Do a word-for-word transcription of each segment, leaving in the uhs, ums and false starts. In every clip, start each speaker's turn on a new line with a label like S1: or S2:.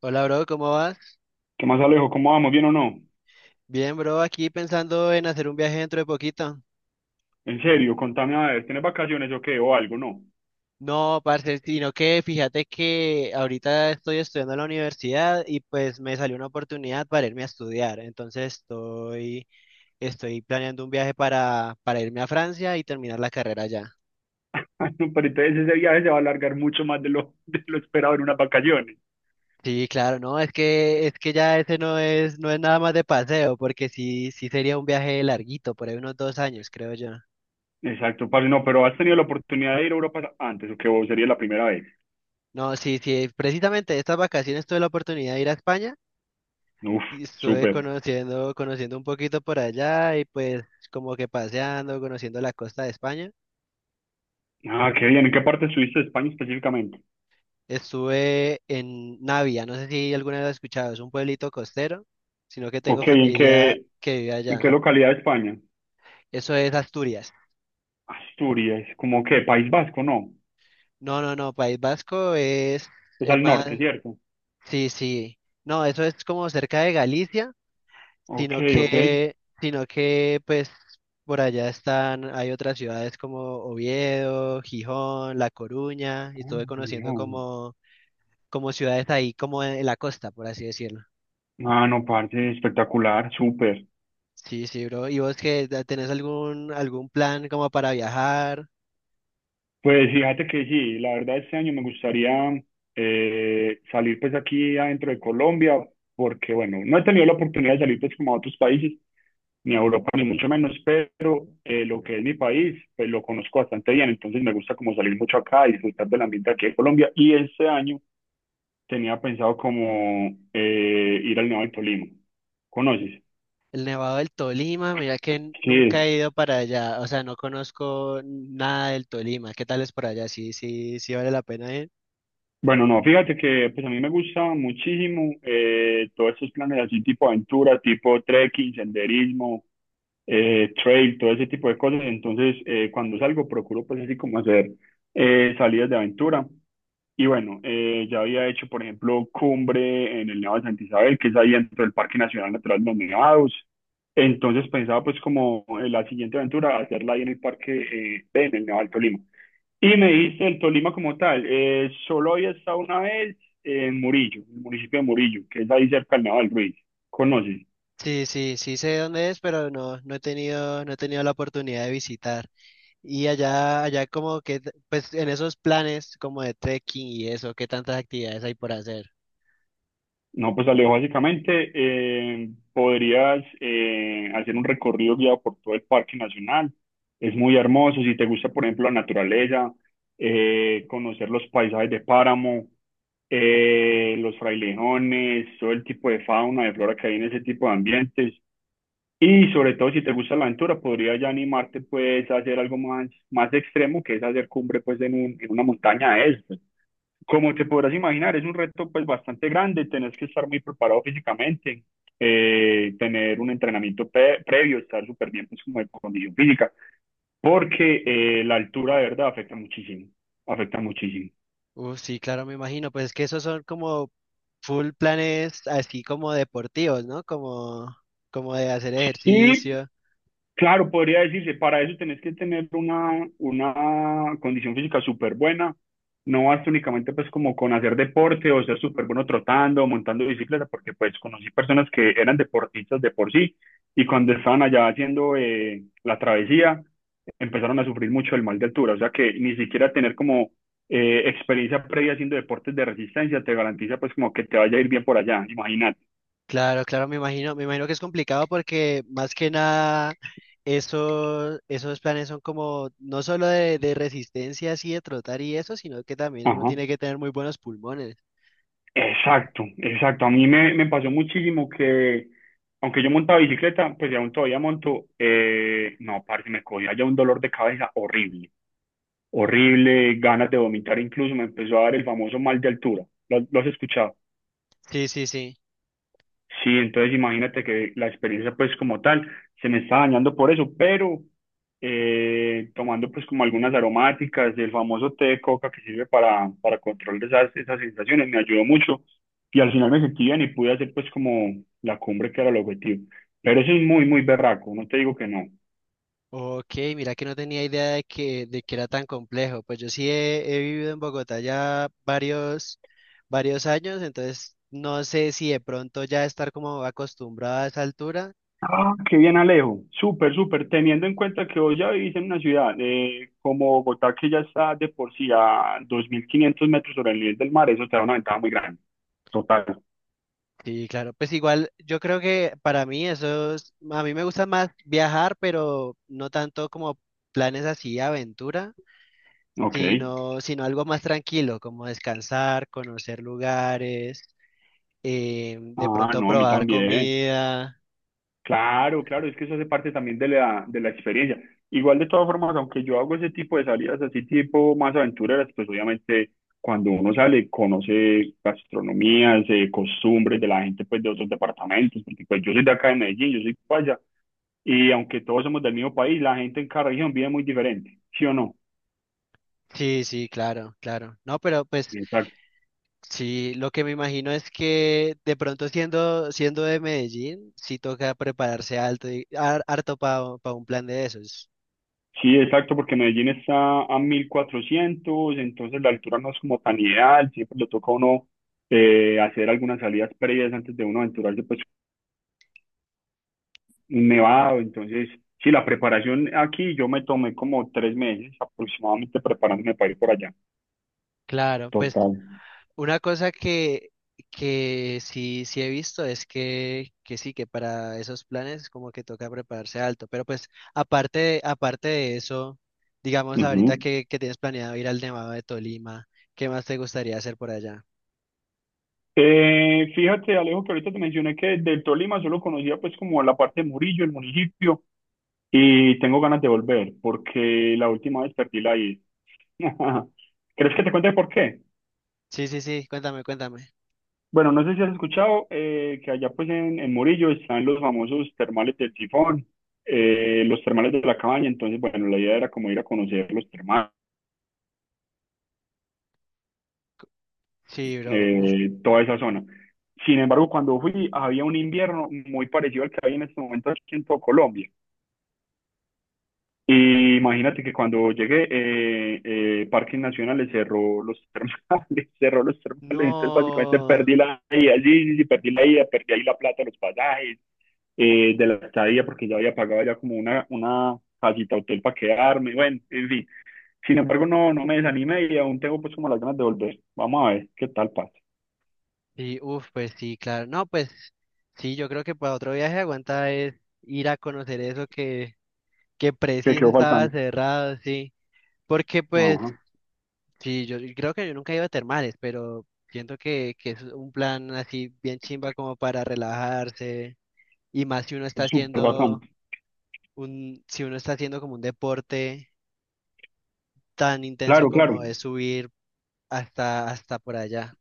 S1: Hola, bro, ¿cómo vas?
S2: ¿Qué más, Alejo? ¿Cómo vamos? ¿Bien o no?
S1: Bien, bro, aquí pensando en hacer un viaje dentro de poquito.
S2: En serio, contame a ver, ¿tienes vacaciones o qué? ¿O algo? No.
S1: No, parce, sino que fíjate que ahorita estoy estudiando en la universidad y pues me salió una oportunidad para irme a estudiar. Entonces estoy, estoy planeando un viaje para, para irme a Francia y terminar la carrera allá.
S2: Ay, no, pero entonces ese viaje se va a alargar mucho más de lo, de lo esperado en unas vacaciones.
S1: Sí, claro, no, es que, es que ya ese no es, no es nada más de paseo, porque sí, sí sería un viaje larguito, por ahí unos dos años, creo yo.
S2: Exacto, parce, no, pero ¿has tenido la oportunidad de ir a Europa antes o qué? ¿O sería la primera vez?
S1: No, sí, sí, precisamente estas vacaciones tuve la oportunidad de ir a España.
S2: Uf,
S1: Y estuve
S2: súper.
S1: conociendo, conociendo un poquito por allá y pues como que paseando, conociendo la costa de España.
S2: Ah, qué bien. ¿En qué parte estuviste de España específicamente?
S1: Estuve en Navia, no sé si alguna vez lo has escuchado, es un pueblito costero, sino que tengo
S2: Ok, ¿en qué,
S1: familia que vive
S2: en qué
S1: allá.
S2: localidad de España?
S1: Eso es Asturias.
S2: Asturias, ¿como qué? País Vasco, no.
S1: No, no, no, País Vasco es,
S2: Es
S1: es
S2: al
S1: más,
S2: norte, ¿cierto?
S1: sí, sí. No, eso es como cerca de Galicia.
S2: Ok,
S1: sino
S2: ok.
S1: que, sino que pues por allá están, hay otras ciudades como Oviedo, Gijón, La Coruña, y
S2: Oh,
S1: estuve conociendo
S2: Dios.
S1: como, como ciudades ahí como en, la costa, por así decirlo.
S2: Ah, no, parce, espectacular, súper.
S1: Sí, sí, bro. ¿Y vos que tenés algún, algún plan como para viajar?
S2: Pues fíjate que sí, la verdad este año me gustaría eh, salir pues aquí adentro de Colombia, porque bueno, no he tenido la oportunidad de salir pues como a otros países, ni a Europa ni mucho menos, pero eh, lo que es mi país, pues lo conozco bastante bien, entonces me gusta como salir mucho acá y disfrutar del ambiente aquí de Colombia, y este año tenía pensado como eh, ir al Nevado del Tolima. ¿Conoces?
S1: El Nevado del Tolima, mira que n- nunca
S2: Sí.
S1: he ido para allá, o sea, no conozco nada del Tolima. ¿Qué tal es por allá? Sí, sí, sí vale la pena ir.
S2: Bueno, no, fíjate que pues a mí me gusta muchísimo eh, todos esos planes así tipo aventura, tipo trekking, senderismo, eh, trail, todo ese tipo de cosas. Entonces, eh, cuando salgo procuro pues así como hacer eh, salidas de aventura. Y bueno, eh, ya había hecho, por ejemplo, cumbre en el Nevado de Santa Isabel, que es ahí dentro del Parque Nacional Natural de los Nevados. Entonces pensaba pues como en la siguiente aventura hacerla ahí en el parque, eh, en el Nevado del Tolima. Y me dijiste el Tolima como tal. eh, solo había estado una vez en Murillo, en el municipio de Murillo, que es ahí cerca del Nevado del Ruiz. ¿Conoces?
S1: Sí, sí, sí sé dónde es, pero no, no he tenido, no he tenido la oportunidad de visitar. Y allá, allá como que, pues en esos planes como de trekking y eso, ¿qué tantas actividades hay por hacer?
S2: No, pues Alejo, básicamente eh, podrías eh, hacer un recorrido guiado por todo el Parque Nacional. Es muy hermoso. Si te gusta, por ejemplo, la naturaleza, eh, conocer los paisajes de páramo, eh, los frailejones, todo el tipo de fauna, de flora que hay en ese tipo de ambientes. Y sobre todo si te gusta la aventura, podría ya animarte pues a hacer algo más, más extremo, que es hacer cumbre pues en un- en una montaña de esas. Como te podrás imaginar, es un reto pues bastante grande, tenés que estar muy preparado físicamente, eh, tener un entrenamiento pre- previo, estar súper bien pues como de condición física, porque eh, la altura de verdad afecta muchísimo, afecta muchísimo.
S1: Uh, sí, claro, me imagino, pues es que esos son como full planes así como deportivos, ¿no? Como, como de hacer ejercicio.
S2: Claro, podría decirse, para eso tenés que tener una, una condición física súper buena. No basta únicamente pues como con hacer deporte o ser súper bueno trotando o montando bicicleta, porque pues conocí personas que eran deportistas de por sí y cuando estaban allá haciendo eh, la travesía empezaron a sufrir mucho el mal de altura. O sea que ni siquiera tener como eh, experiencia previa haciendo deportes de resistencia te garantiza pues como que te vaya a ir bien por allá, imagínate.
S1: Claro, claro, me imagino, me imagino que es complicado porque más que nada esos, esos planes son como no solo de, de resistencia así de trotar y eso, sino que también uno
S2: Ajá.
S1: tiene que tener muy buenos pulmones.
S2: Exacto, exacto. A mí me, me pasó muchísimo que, aunque yo montaba bicicleta, pues ya aún todavía monto, eh, no, parce, me cogía ya un dolor de cabeza horrible, horrible, ganas de vomitar incluso, me empezó a dar el famoso mal de altura. ¿Lo, lo has escuchado?
S1: Sí, sí, sí.
S2: Sí, entonces imagínate que la experiencia pues como tal se me está dañando por eso, pero eh, tomando pues como algunas aromáticas, el famoso té de coca que sirve para, para, control de esas, esas sensaciones, me ayudó mucho y al final me sentí bien y pude hacer pues como la cumbre que era el objetivo. Pero eso es muy, muy berraco, no te digo que no.
S1: Ok, mira que no tenía idea de que, de que era tan complejo. Pues yo sí he, he vivido en Bogotá ya varios, varios años, entonces no sé si de pronto ya estar como acostumbrado a esa altura.
S2: Ah, qué bien, Alejo, súper, súper, teniendo en cuenta que hoy ya vivís en una ciudad eh, como Bogotá que ya está de por sí a dos mil quinientos metros sobre el nivel del mar, eso te da una ventaja muy grande. Total,
S1: Sí, claro, pues igual yo creo que para mí eso es, a mí me gusta más viajar, pero no tanto como planes así, aventura,
S2: ok.
S1: sino, sino algo más tranquilo, como descansar, conocer lugares, eh, de
S2: Ah,
S1: pronto
S2: no, a mí
S1: probar
S2: también.
S1: comida.
S2: Claro, claro, es que eso hace parte también de la, de la experiencia. Igual de todas formas, aunque yo hago ese tipo de salidas así tipo más aventureras, pues obviamente cuando uno sale conoce gastronomías, eh, costumbres de la gente pues de otros departamentos, porque pues yo soy de acá de Medellín, yo soy paisa, y aunque todos somos del mismo país, la gente en cada región vive muy diferente, ¿sí o no?
S1: Sí, sí, claro, claro. No, pero pues sí, lo que me imagino es que de pronto siendo, siendo de Medellín, sí toca prepararse alto y- har- harto para un plan de esos.
S2: Sí, exacto, porque Medellín está a mil cuatrocientos, entonces la altura no es como tan ideal, siempre le toca a uno eh, hacer algunas salidas previas antes de uno aventurarse, pues un nevado, entonces sí, la preparación aquí yo me tomé como tres meses aproximadamente preparándome para ir por allá.
S1: Claro, pues
S2: Total.
S1: una cosa que, que sí, sí he visto es que, que sí, que para esos planes como que toca prepararse alto. Pero pues aparte, de- aparte de eso, digamos ahorita
S2: Ujú.
S1: que, que tienes planeado ir al Nevado de Tolima, ¿qué más te gustaría hacer por allá?
S2: Eh, fíjate, Alejo, que ahorita te mencioné que del Tolima solo conocía pues como la parte de Murillo, el municipio. Y tengo ganas de volver, porque la última vez perdí la ida. ¿Crees que te cuente por qué?
S1: Sí, sí, sí, cuéntame, cuéntame.
S2: Bueno, no sé si has escuchado eh, que allá pues en, en Murillo están los famosos termales del Tifón, eh, los termales de la cabaña, entonces bueno, la idea era como ir a conocer los termales,
S1: Sí, bro, uf,
S2: eh, toda esa zona. Sin embargo, cuando fui había un invierno muy parecido al que hay en este momento aquí en todo Colombia. Y imagínate que cuando llegué, eh, eh, Parques Nacionales cerró los termales, cerró los termales, entonces básicamente
S1: no,
S2: perdí la ida, sí, sí, sí, perdí la ida, perdí ahí la plata, los pasajes, eh, de la estadía, porque ya había pagado ya como una, una casita hotel para quedarme, bueno, en fin. Sin embargo, no, no me desanimé y aún tengo pues como las ganas de volver. Vamos a ver qué tal pasa,
S1: sí, uf, pues sí, claro, no, pues sí, yo creo que para otro viaje aguanta es ir a conocer eso que, que
S2: qué
S1: preciso
S2: quedó
S1: estaba
S2: faltando.
S1: cerrado, sí, porque pues
S2: Ajá,
S1: sí, yo yo creo que yo nunca he ido a termales, pero siento que, que es un plan así bien chimba como para relajarse, y más si uno está
S2: es súper bacán.
S1: haciendo un, si uno está haciendo como un deporte tan intenso
S2: Claro, claro.
S1: como es subir hasta, hasta por allá.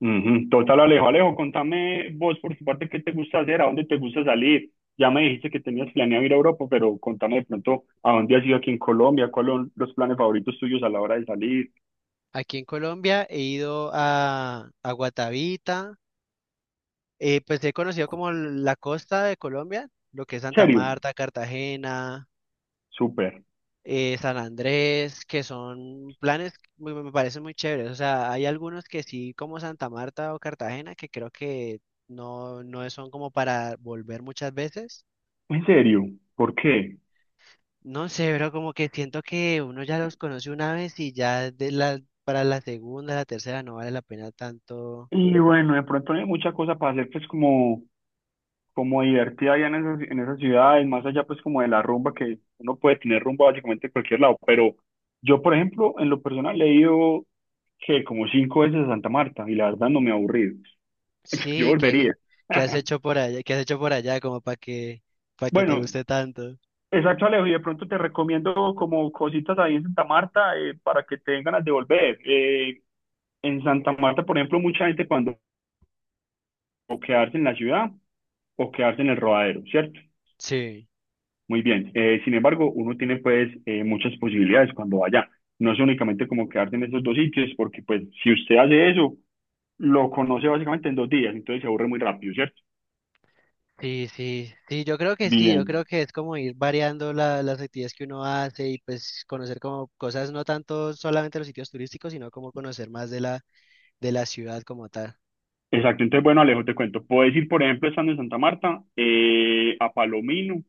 S2: Ujú. Total, Alejo. Alejo, contame vos por tu parte qué te gusta hacer, a dónde te gusta salir. Ya me dijiste que tenías planeado ir a Europa, pero contame de pronto a dónde has ido aquí en Colombia, cuáles son los planes favoritos tuyos a la hora de salir.
S1: Aquí en Colombia he ido a, a Guatavita, eh, pues he conocido como la costa de Colombia, lo que es
S2: ¿En
S1: Santa
S2: ¿Serio?
S1: Marta, Cartagena,
S2: Súper.
S1: eh, San Andrés, que son planes muy- me parecen muy chéveres. O sea, hay algunos que sí, como Santa Marta o Cartagena, que creo que no, no son como para volver muchas veces.
S2: ¿En serio? ¿Por qué?
S1: No sé, pero como que siento que uno ya los conoce una vez y ya de la, para la segunda, la tercera no vale la pena tanto.
S2: Y bueno, de pronto no hay mucha cosa para hacer, pues como como divertida allá en esas, en esas ciudades, más allá pues como de la rumba, que uno puede tener rumba básicamente en cualquier lado, pero yo por ejemplo, en lo personal he ido que como cinco veces a Santa Marta y la verdad no me ha aburrido. Yo
S1: Sí,
S2: volvería.
S1: ¿qué, qué has hecho por allá? ¿Qué has hecho por allá como para que, para que te
S2: Bueno,
S1: guste tanto?
S2: exacto, Alejo, y de pronto te recomiendo como cositas ahí en Santa Marta eh, para que tengan ganas de volver. Eh, en Santa Marta, por ejemplo, mucha gente cuando o quedarse en la ciudad o quedarse en el rodadero, ¿cierto?
S1: Sí,
S2: Muy bien. Eh, sin embargo, uno tiene pues eh, muchas posibilidades cuando vaya. No es únicamente como quedarse en esos dos sitios, porque pues si usted hace eso, lo conoce básicamente en dos días, entonces se aburre muy rápido, ¿cierto?
S1: sí, sí, sí, yo creo que sí, yo creo
S2: Bien.
S1: que es como ir variando la- las actividades que uno hace y pues conocer como cosas, no tanto solamente los sitios turísticos, sino como conocer más de la, de la ciudad como tal.
S2: Exacto, entonces bueno, Alejo, te cuento. Puedes ir, por ejemplo, estando en Santa Marta, eh, a Palomino,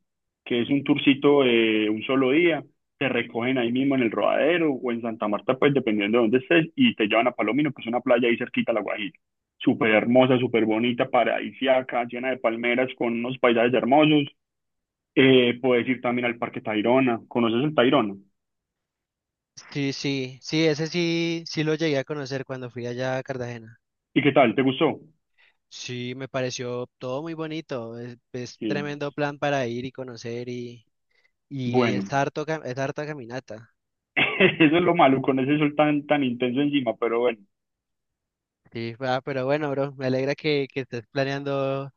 S2: que es un tourcito de un solo día. Te recogen ahí mismo en el Rodadero o en Santa Marta, pues dependiendo de dónde estés, y te llevan a Palomino, que es una playa ahí cerquita a La Guajira. Súper hermosa, súper bonita, paradisíaca, llena de palmeras con unos paisajes hermosos. Eh, puedes ir también al Parque Tayrona. ¿Conoces el Tayrona?
S1: Sí, sí, sí, ese sí, sí lo llegué a conocer cuando fui allá a Cartagena.
S2: ¿Y qué tal? ¿Te gustó?
S1: Sí, me pareció todo muy bonito, es, es
S2: Sí.
S1: tremendo plan para ir y conocer y, y
S2: Bueno,
S1: es harto, ca- es harta caminata.
S2: eso es lo malo con ese sol tan, tan intenso encima, pero bueno.
S1: Sí, ah, pero bueno, bro, me alegra que, que estés planeando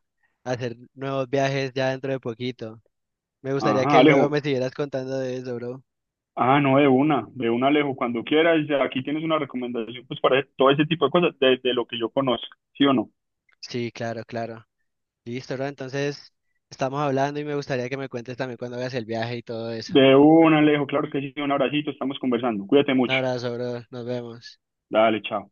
S1: hacer nuevos viajes ya dentro de poquito. Me gustaría
S2: Ajá,
S1: que luego
S2: Alejo.
S1: me siguieras contando de eso, bro.
S2: Ah, no, de una, de una, Alejo. Cuando quieras, ya aquí tienes una recomendación pues para todo ese tipo de cosas, de, de, lo que yo conozco, ¿sí o no?
S1: Sí, claro, claro. Listo, bro, entonces estamos hablando y me gustaría que me cuentes también cuando hagas el viaje y todo eso.
S2: De una, Alejo, claro que sí, un abracito, estamos conversando. Cuídate
S1: Un
S2: mucho.
S1: abrazo, bro, nos vemos.
S2: Dale, chao.